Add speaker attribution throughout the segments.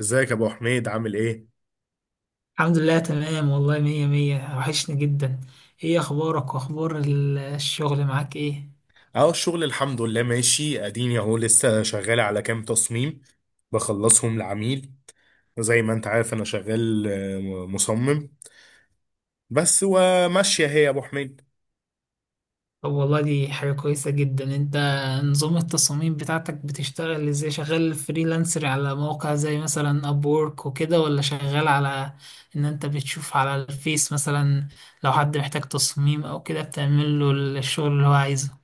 Speaker 1: ازيك يا ابو حميد، عامل ايه؟
Speaker 2: الحمد لله تمام والله مية مية، وحشني جدا. ايه اخبارك واخبار الشغل معاك؟ ايه
Speaker 1: اهو الشغل الحمد لله ماشي، اديني اهو لسه شغال على كام تصميم بخلصهم لعميل. زي ما انت عارف انا شغال، مصمم، بس وماشيه هي يا ابو حميد.
Speaker 2: طب والله دي حاجة كويسة جدا. انت نظام التصاميم بتاعتك بتشتغل ازاي؟ شغال فريلانسر على مواقع زي مثلا ابورك وكده، ولا شغال على انت بتشوف على الفيس مثلا لو حد محتاج تصميم او كده بتعمل له الشغل اللي هو عايزه؟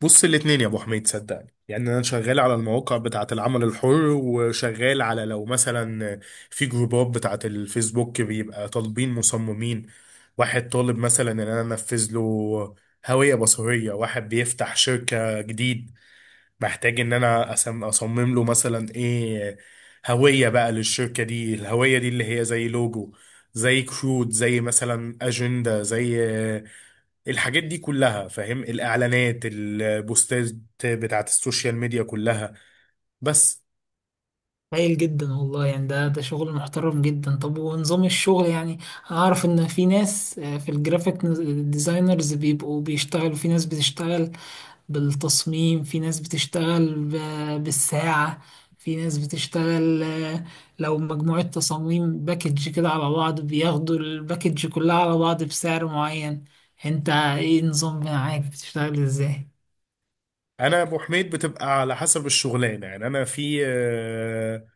Speaker 1: بص، الاتنين يا ابو حميد، صدقني يعني انا شغال على المواقع بتاعه العمل الحر، وشغال على، لو مثلا في جروبات بتاعه الفيسبوك بيبقى طالبين مصممين، واحد طالب مثلا ان انا انفذ له هوية بصرية، واحد بيفتح شركة جديد بحتاج ان انا اصمم له مثلا ايه، هوية بقى للشركة دي. الهوية دي اللي هي زي لوجو، زي كروت، زي مثلا اجندة، زي الحاجات دي كلها، فاهم؟ الاعلانات، البوستات بتاعت السوشيال ميديا كلها، بس.
Speaker 2: هايل جدا والله. يعني ده شغل محترم جدا. طب ونظام الشغل يعني أعرف إن في ناس، في الجرافيك ديزاينرز بيبقوا بيشتغلوا، في ناس بتشتغل بالتصميم، في ناس بتشتغل بالساعة، في ناس بتشتغل، لو مجموعة تصاميم باكج كده على بعض بياخدوا الباكج كلها على بعض بسعر معين. انت ايه نظام معاك؟ بتشتغل ازاي؟
Speaker 1: انا يا ابو حميد بتبقى على حسب الشغلانة، يعني انا في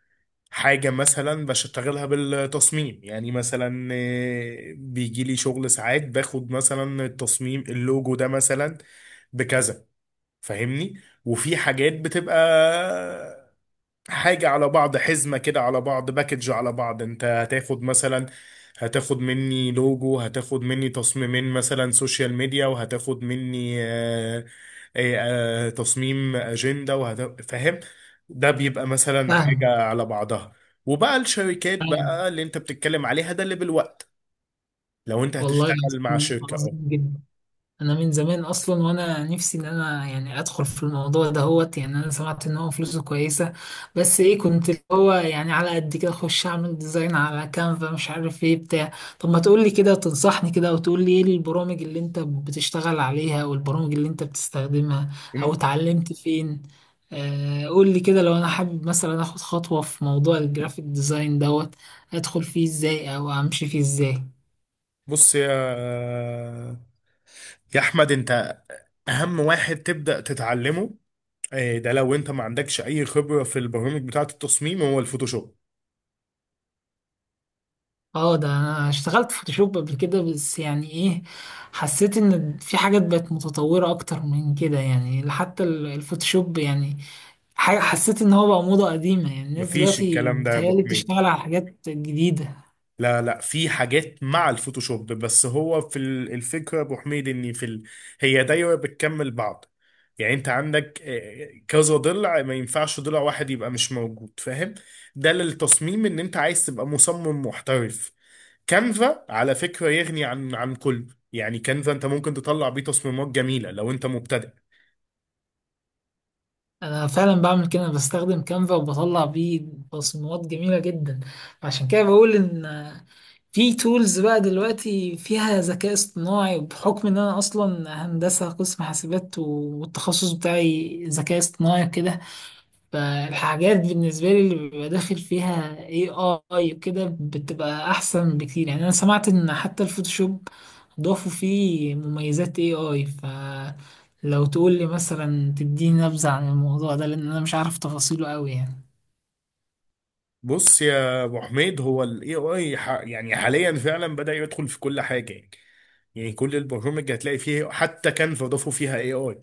Speaker 1: حاجة مثلا بشتغلها بالتصميم، يعني مثلا بيجي لي شغل ساعات باخد مثلا التصميم اللوجو ده مثلا بكذا، فاهمني؟ وفي حاجات بتبقى حاجة على بعض، حزمة كده على بعض، باكج على بعض، انت هتاخد مثلا، هتاخد مني لوجو، هتاخد مني تصميمين مثلا سوشيال ميديا، وهتاخد مني تصميم أجندة فاهم؟ ده بيبقى مثلا حاجة
Speaker 2: فاهم.
Speaker 1: على بعضها. وبقى الشركات
Speaker 2: فاهم.
Speaker 1: بقى اللي انت بتتكلم عليها ده اللي بالوقت، لو انت
Speaker 2: والله
Speaker 1: هتشتغل مع
Speaker 2: العظيم
Speaker 1: شركة
Speaker 2: عظيم
Speaker 1: اه.
Speaker 2: جدا. انا من زمان اصلا وانا نفسي ان انا يعني ادخل في الموضوع ده هوت يعني انا سمعت ان هو فلوسه كويسه، بس ايه كنت اللي هو يعني على قد كده اخش اعمل ديزاين على كانفا مش عارف ايه بتاع. طب ما تقول لي كده، تنصحني كده، وتقول لي ايه البرامج اللي انت بتشتغل عليها والبرامج اللي انت بتستخدمها او
Speaker 1: إن-
Speaker 2: اتعلمت فين. آه قول لي كده، لو انا حابب مثلا اخد خطوه في موضوع الجرافيك ديزاين دوت ادخل فيه ازاي او امشي فيه ازاي؟
Speaker 1: بص يا احمد، انت اهم واحد تبدأ تتعلمه إيه ده لو انت ما عندكش اي خبرة في البرامج بتاعة التصميم هو الفوتوشوب.
Speaker 2: اه ده انا اشتغلت فوتوشوب قبل كده، بس يعني ايه، حسيت ان في حاجات بقت متطورة اكتر من كده، يعني حتى الفوتوشوب يعني حاجة حسيت ان هو بقى موضة قديمة، يعني الناس
Speaker 1: مفيش
Speaker 2: دلوقتي
Speaker 1: الكلام ده يا ابو
Speaker 2: بتهيألي
Speaker 1: حميد،
Speaker 2: بتشتغل على حاجات جديدة.
Speaker 1: لا لا، في حاجات مع الفوتوشوب، بس هو في الفكرة يا ابو حميد، ان في هي دايرة بتكمل بعض. يعني انت عندك كذا ضلع، ما ينفعش ضلع واحد يبقى مش موجود، فاهم؟ ده للتصميم ان انت عايز تبقى مصمم محترف. كانفا على فكرة يغني عن كله، يعني كانفا انت ممكن تطلع بيه تصميمات جميلة لو انت مبتدئ.
Speaker 2: انا فعلا بعمل كده، أنا بستخدم كانفا وبطلع بيه تصميمات جميلة جدا. عشان كده بقول ان في تولز بقى دلوقتي فيها ذكاء اصطناعي، بحكم ان انا اصلا هندسة قسم حاسبات والتخصص بتاعي ذكاء اصطناعي كده، فالحاجات دي بالنسبة لي اللي بيبقى داخل فيها AI وكده بتبقى أحسن بكتير. يعني أنا سمعت إن حتى الفوتوشوب ضافوا فيه مميزات AI، فلو تقول لي مثلا تديني نبذة عن الموضوع ده، لأن أنا مش عارف تفاصيله أوي يعني.
Speaker 1: بص يا ابو حميد، هو الاي اي يعني حاليا فعلا بدأ يدخل في كل حاجه. يعني كل البرامج هتلاقي فيه، حتى كانفا ضافوا فيها اي اي.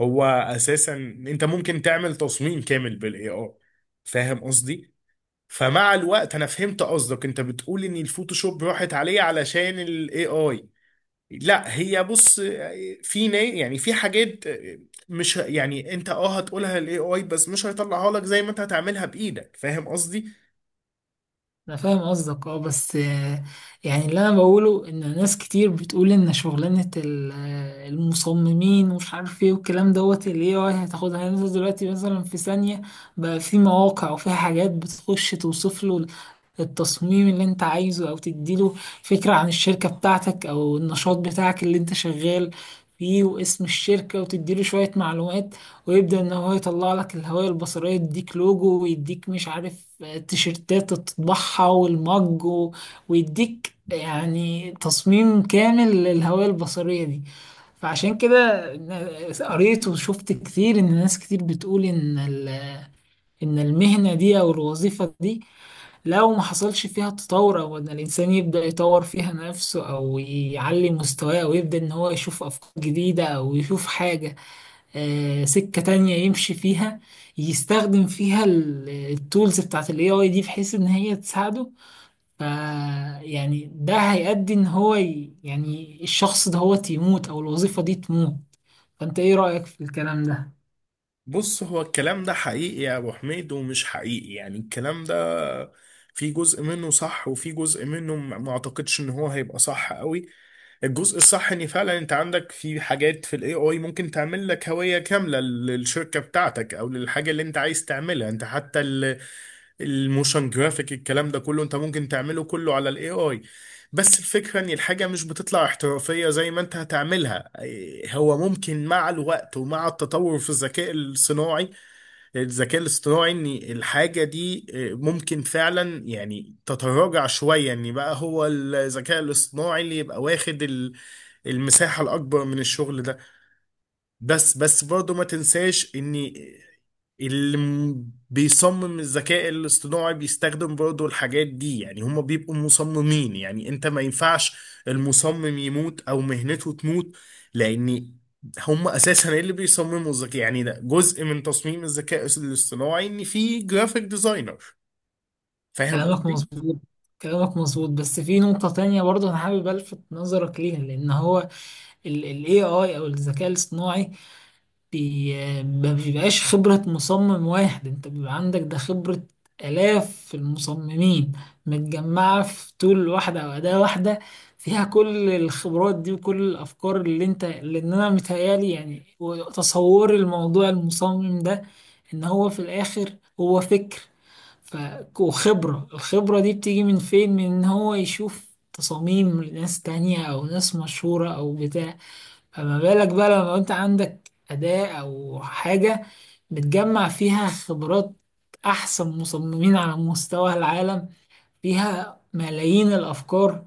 Speaker 1: هو اساسا انت ممكن تعمل تصميم كامل بالاي اي، فاهم قصدي؟ فمع الوقت انا فهمت قصدك، انت بتقول ان الفوتوشوب راحت عليه علشان الاي اي. لا هي بص، في يعني في حاجات مش ه- يعني انت اه هتقولها الاي اي بس مش هيطلعها لك زي ما انت هتعملها بايدك، فاهم قصدي؟
Speaker 2: انا فاهم قصدك، اه بس، يعني اللي انا بقوله ان ناس كتير بتقول ان شغلانة المصممين ومش عارف ايه والكلام دوت اللي هي هتاخدها. يعني انت دلوقتي مثلا في ثانية بقى في مواقع وفيها حاجات بتخش توصف له التصميم اللي انت عايزه، او تديله فكرة عن الشركة بتاعتك او النشاط بتاعك اللي انت شغال فيه، واسم الشركة، وتديله شوية معلومات، ويبدأ إن هو يطلع لك الهوية البصرية، يديك لوجو ويديك مش عارف، تيشيرتات تطبعها والمج ويديك يعني تصميم كامل للهوية البصرية دي. فعشان كده قريت وشفت كتير إن ناس كتير بتقول إن إن المهنة دي أو الوظيفة دي لو ما حصلش فيها تطور، أو إن الإنسان يبدأ يطور فيها نفسه أو يعلي مستواه، أو يبدأ إن هو يشوف أفكار جديدة أو يشوف حاجة، سكة تانية يمشي فيها، يستخدم فيها التولز بتاعت الاي اي دي بحيث ان هي تساعده. ف يعني ده هيؤدي ان يعني الشخص ده هو يموت، او الوظيفة دي تموت. فانت ايه رأيك في الكلام ده؟
Speaker 1: بص، هو الكلام ده حقيقي يا ابو حميد ومش حقيقي. يعني الكلام ده في جزء منه صح وفي جزء منه ما اعتقدش ان هو هيبقى صح قوي. الجزء الصح ان فعلا انت عندك في حاجات في الاي اي ممكن تعمل لك هوية كاملة للشركة بتاعتك او للحاجة اللي انت عايز تعملها. انت حتى الموشن جرافيك الكلام ده كله انت ممكن تعمله كله على الاي اي. بس الفكرة ان الحاجة مش بتطلع احترافية زي ما انت هتعملها. هو ممكن مع الوقت ومع التطور في الذكاء الصناعي، الذكاء الاصطناعي ان الحاجة دي ممكن فعلا يعني تتراجع شوية، ان بقى هو الذكاء الاصطناعي اللي يبقى واخد المساحة الاكبر من الشغل ده. بس برضه ما تنساش ان اللي بيصمم الذكاء الاصطناعي بيستخدم برضه الحاجات دي، يعني هم بيبقوا مصممين، يعني انت ما ينفعش المصمم يموت او مهنته تموت. لان هم اساسا اللي بيصمموا الذكاء، يعني ده جزء من تصميم الذكاء الاصطناعي ان في جرافيك ديزاينر. فاهم
Speaker 2: كلامك
Speaker 1: قصدي؟
Speaker 2: مظبوط. كلامك مظبوط، بس في نقطة تانية برضه أنا حابب ألفت نظرك ليها، لأن هو ال AI أو الذكاء الاصطناعي ما بيبقاش خبرة مصمم واحد، انت بيبقى عندك ده خبرة آلاف المصممين متجمعة في طول واحدة أو أداة واحدة، فيها كل الخبرات دي وكل الأفكار اللي انت، لأن أنا متهيألي يعني تصوري الموضوع، المصمم ده إن هو في الآخر هو فكر ف... وخبرة. الخبرة دي بتيجي من فين؟ من إن هو يشوف تصاميم لناس تانية أو ناس مشهورة أو بتاع. فما بالك بقى لما انت عندك أداة أو حاجة بتجمع فيها خبرات أحسن مصممين على مستوى العالم، فيها ملايين الأفكار،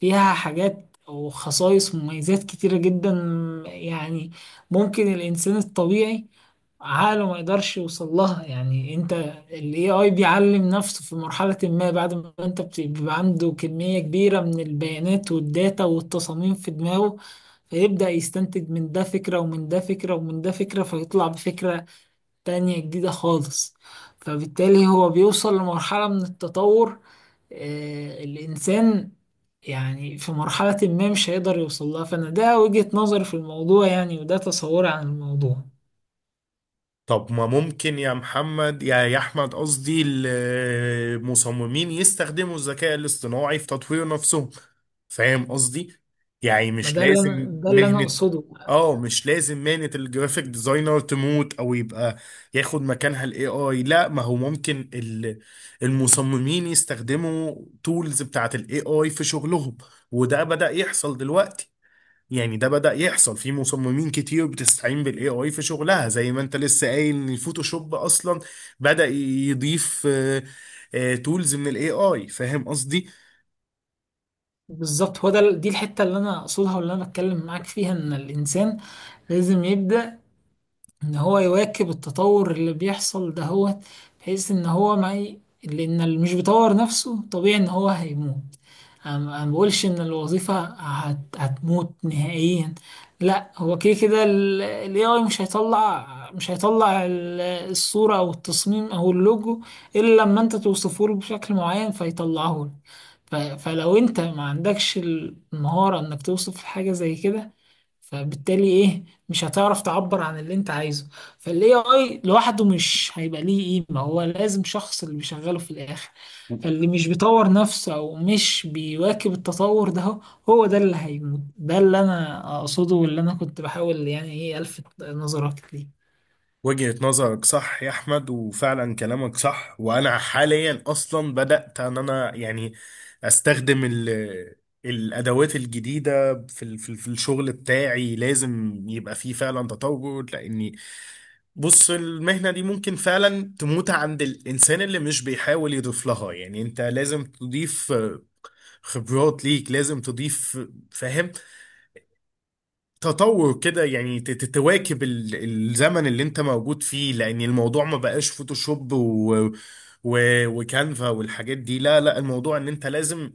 Speaker 2: فيها حاجات وخصائص ومميزات كتيرة جدا، يعني ممكن الإنسان الطبيعي عقله ما يقدرش يوصل لها. يعني انت ال AI بيعلم نفسه في مرحلة ما، بعد ما انت بيبقى عنده كمية كبيرة من البيانات والداتا والتصاميم في دماغه، فيبدأ يستنتج من ده فكرة ومن ده فكرة ومن ده فكرة، فيطلع بفكرة تانية جديدة خالص. فبالتالي هو بيوصل لمرحلة من التطور، الإنسان يعني في مرحلة ما مش هيقدر يوصل لها. فأنا ده وجهة نظري في الموضوع يعني، وده تصوري عن الموضوع.
Speaker 1: طب ما ممكن يا محمد، يا احمد قصدي، المصممين يستخدموا الذكاء الاصطناعي في تطوير نفسهم، فاهم قصدي؟ يعني
Speaker 2: ما
Speaker 1: مش
Speaker 2: ده اللي أنا،
Speaker 1: لازم
Speaker 2: ده اللي أنا
Speaker 1: مهنة.
Speaker 2: أقصده
Speaker 1: اه، مش لازم مهنة الجرافيك ديزاينر تموت او يبقى ياخد مكانها الاي اي، لا. ما هو ممكن المصممين يستخدموا تولز بتاعت الاي اي في شغلهم، وده بدأ يحصل دلوقتي. يعني ده بدأ يحصل، في مصممين كتير بتستعين بالاي اي في شغلها زي ما انت لسه قايل ان الفوتوشوب اصلا بدأ يضيف تولز من الاي اي، فاهم قصدي؟
Speaker 2: بالظبط. هو ده دي الحتة اللي أنا أقصدها واللي أنا بتكلم معاك فيها، إن الإنسان لازم يبدأ إن هو يواكب التطور اللي بيحصل دهوت بحيث إن هو ما ي- لأن اللي مش بيطور نفسه طبيعي إن هو هيموت. أنا ما بقولش ان هتموت نهائيا، لا، هو كده كده الاي اي مش هيطلع، مش هيطلع الصوره او التصميم او اللوجو الا لما انت توصفه له بشكل معين فيطلعه لك. فلو انت ما عندكش المهاره انك توصف حاجه زي كده، فبالتالي ايه مش هتعرف تعبر عن اللي انت عايزه. فالاي اي لوحده مش هيبقى ليه قيمه، هو لازم شخص اللي بيشغله في الاخر. اللي مش بيطور نفسه او مش بيواكب التطور ده هو، هو ده اللي هيموت. ده اللي انا اقصده واللي انا كنت بحاول يعني ايه الفت نظرك ليه.
Speaker 1: وجهة نظرك صح يا احمد، وفعلا كلامك صح، وانا حاليا اصلا بدأت ان انا يعني استخدم الادوات الجديده في الشغل بتاعي. لازم يبقى فيه فعلا تطور. لان بص، المهنة دي ممكن فعلا تموت عند الإنسان اللي مش بيحاول يضيف لها، يعني أنت لازم تضيف خبرات ليك، لازم تضيف فاهم، تطور كده، يعني تواكب الزمن اللي انت موجود فيه. لان الموضوع ما بقاش فوتوشوب و... وكانفا والحاجات دي، لا لا، الموضوع ان انت لازم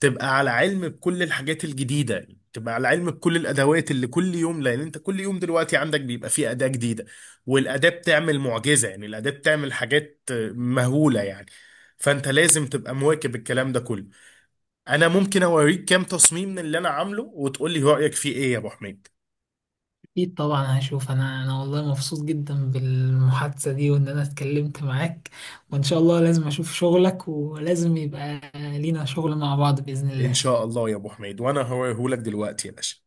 Speaker 1: تبقى على علم بكل الحاجات الجديدة، تبقى على علم بكل الادوات اللي كل يوم. لان انت كل يوم دلوقتي عندك بيبقى فيه اداة جديدة، والاداة بتعمل معجزة، يعني الاداة بتعمل حاجات مهولة يعني، فانت لازم تبقى مواكب الكلام ده كله. انا ممكن اوريك كام تصميم من اللي انا عامله وتقولي رأيك فيه ايه يا ابو حميد؟
Speaker 2: اكيد طبعا هشوف. انا والله مبسوط جدا بالمحادثة دي وان انا اتكلمت معاك، وان شاء الله لازم اشوف شغلك ولازم يبقى لينا شغل مع بعض بإذن
Speaker 1: ان
Speaker 2: الله.
Speaker 1: شاء الله يا ابو حميد، وانا هوريهولك دلوقتي يا باشا.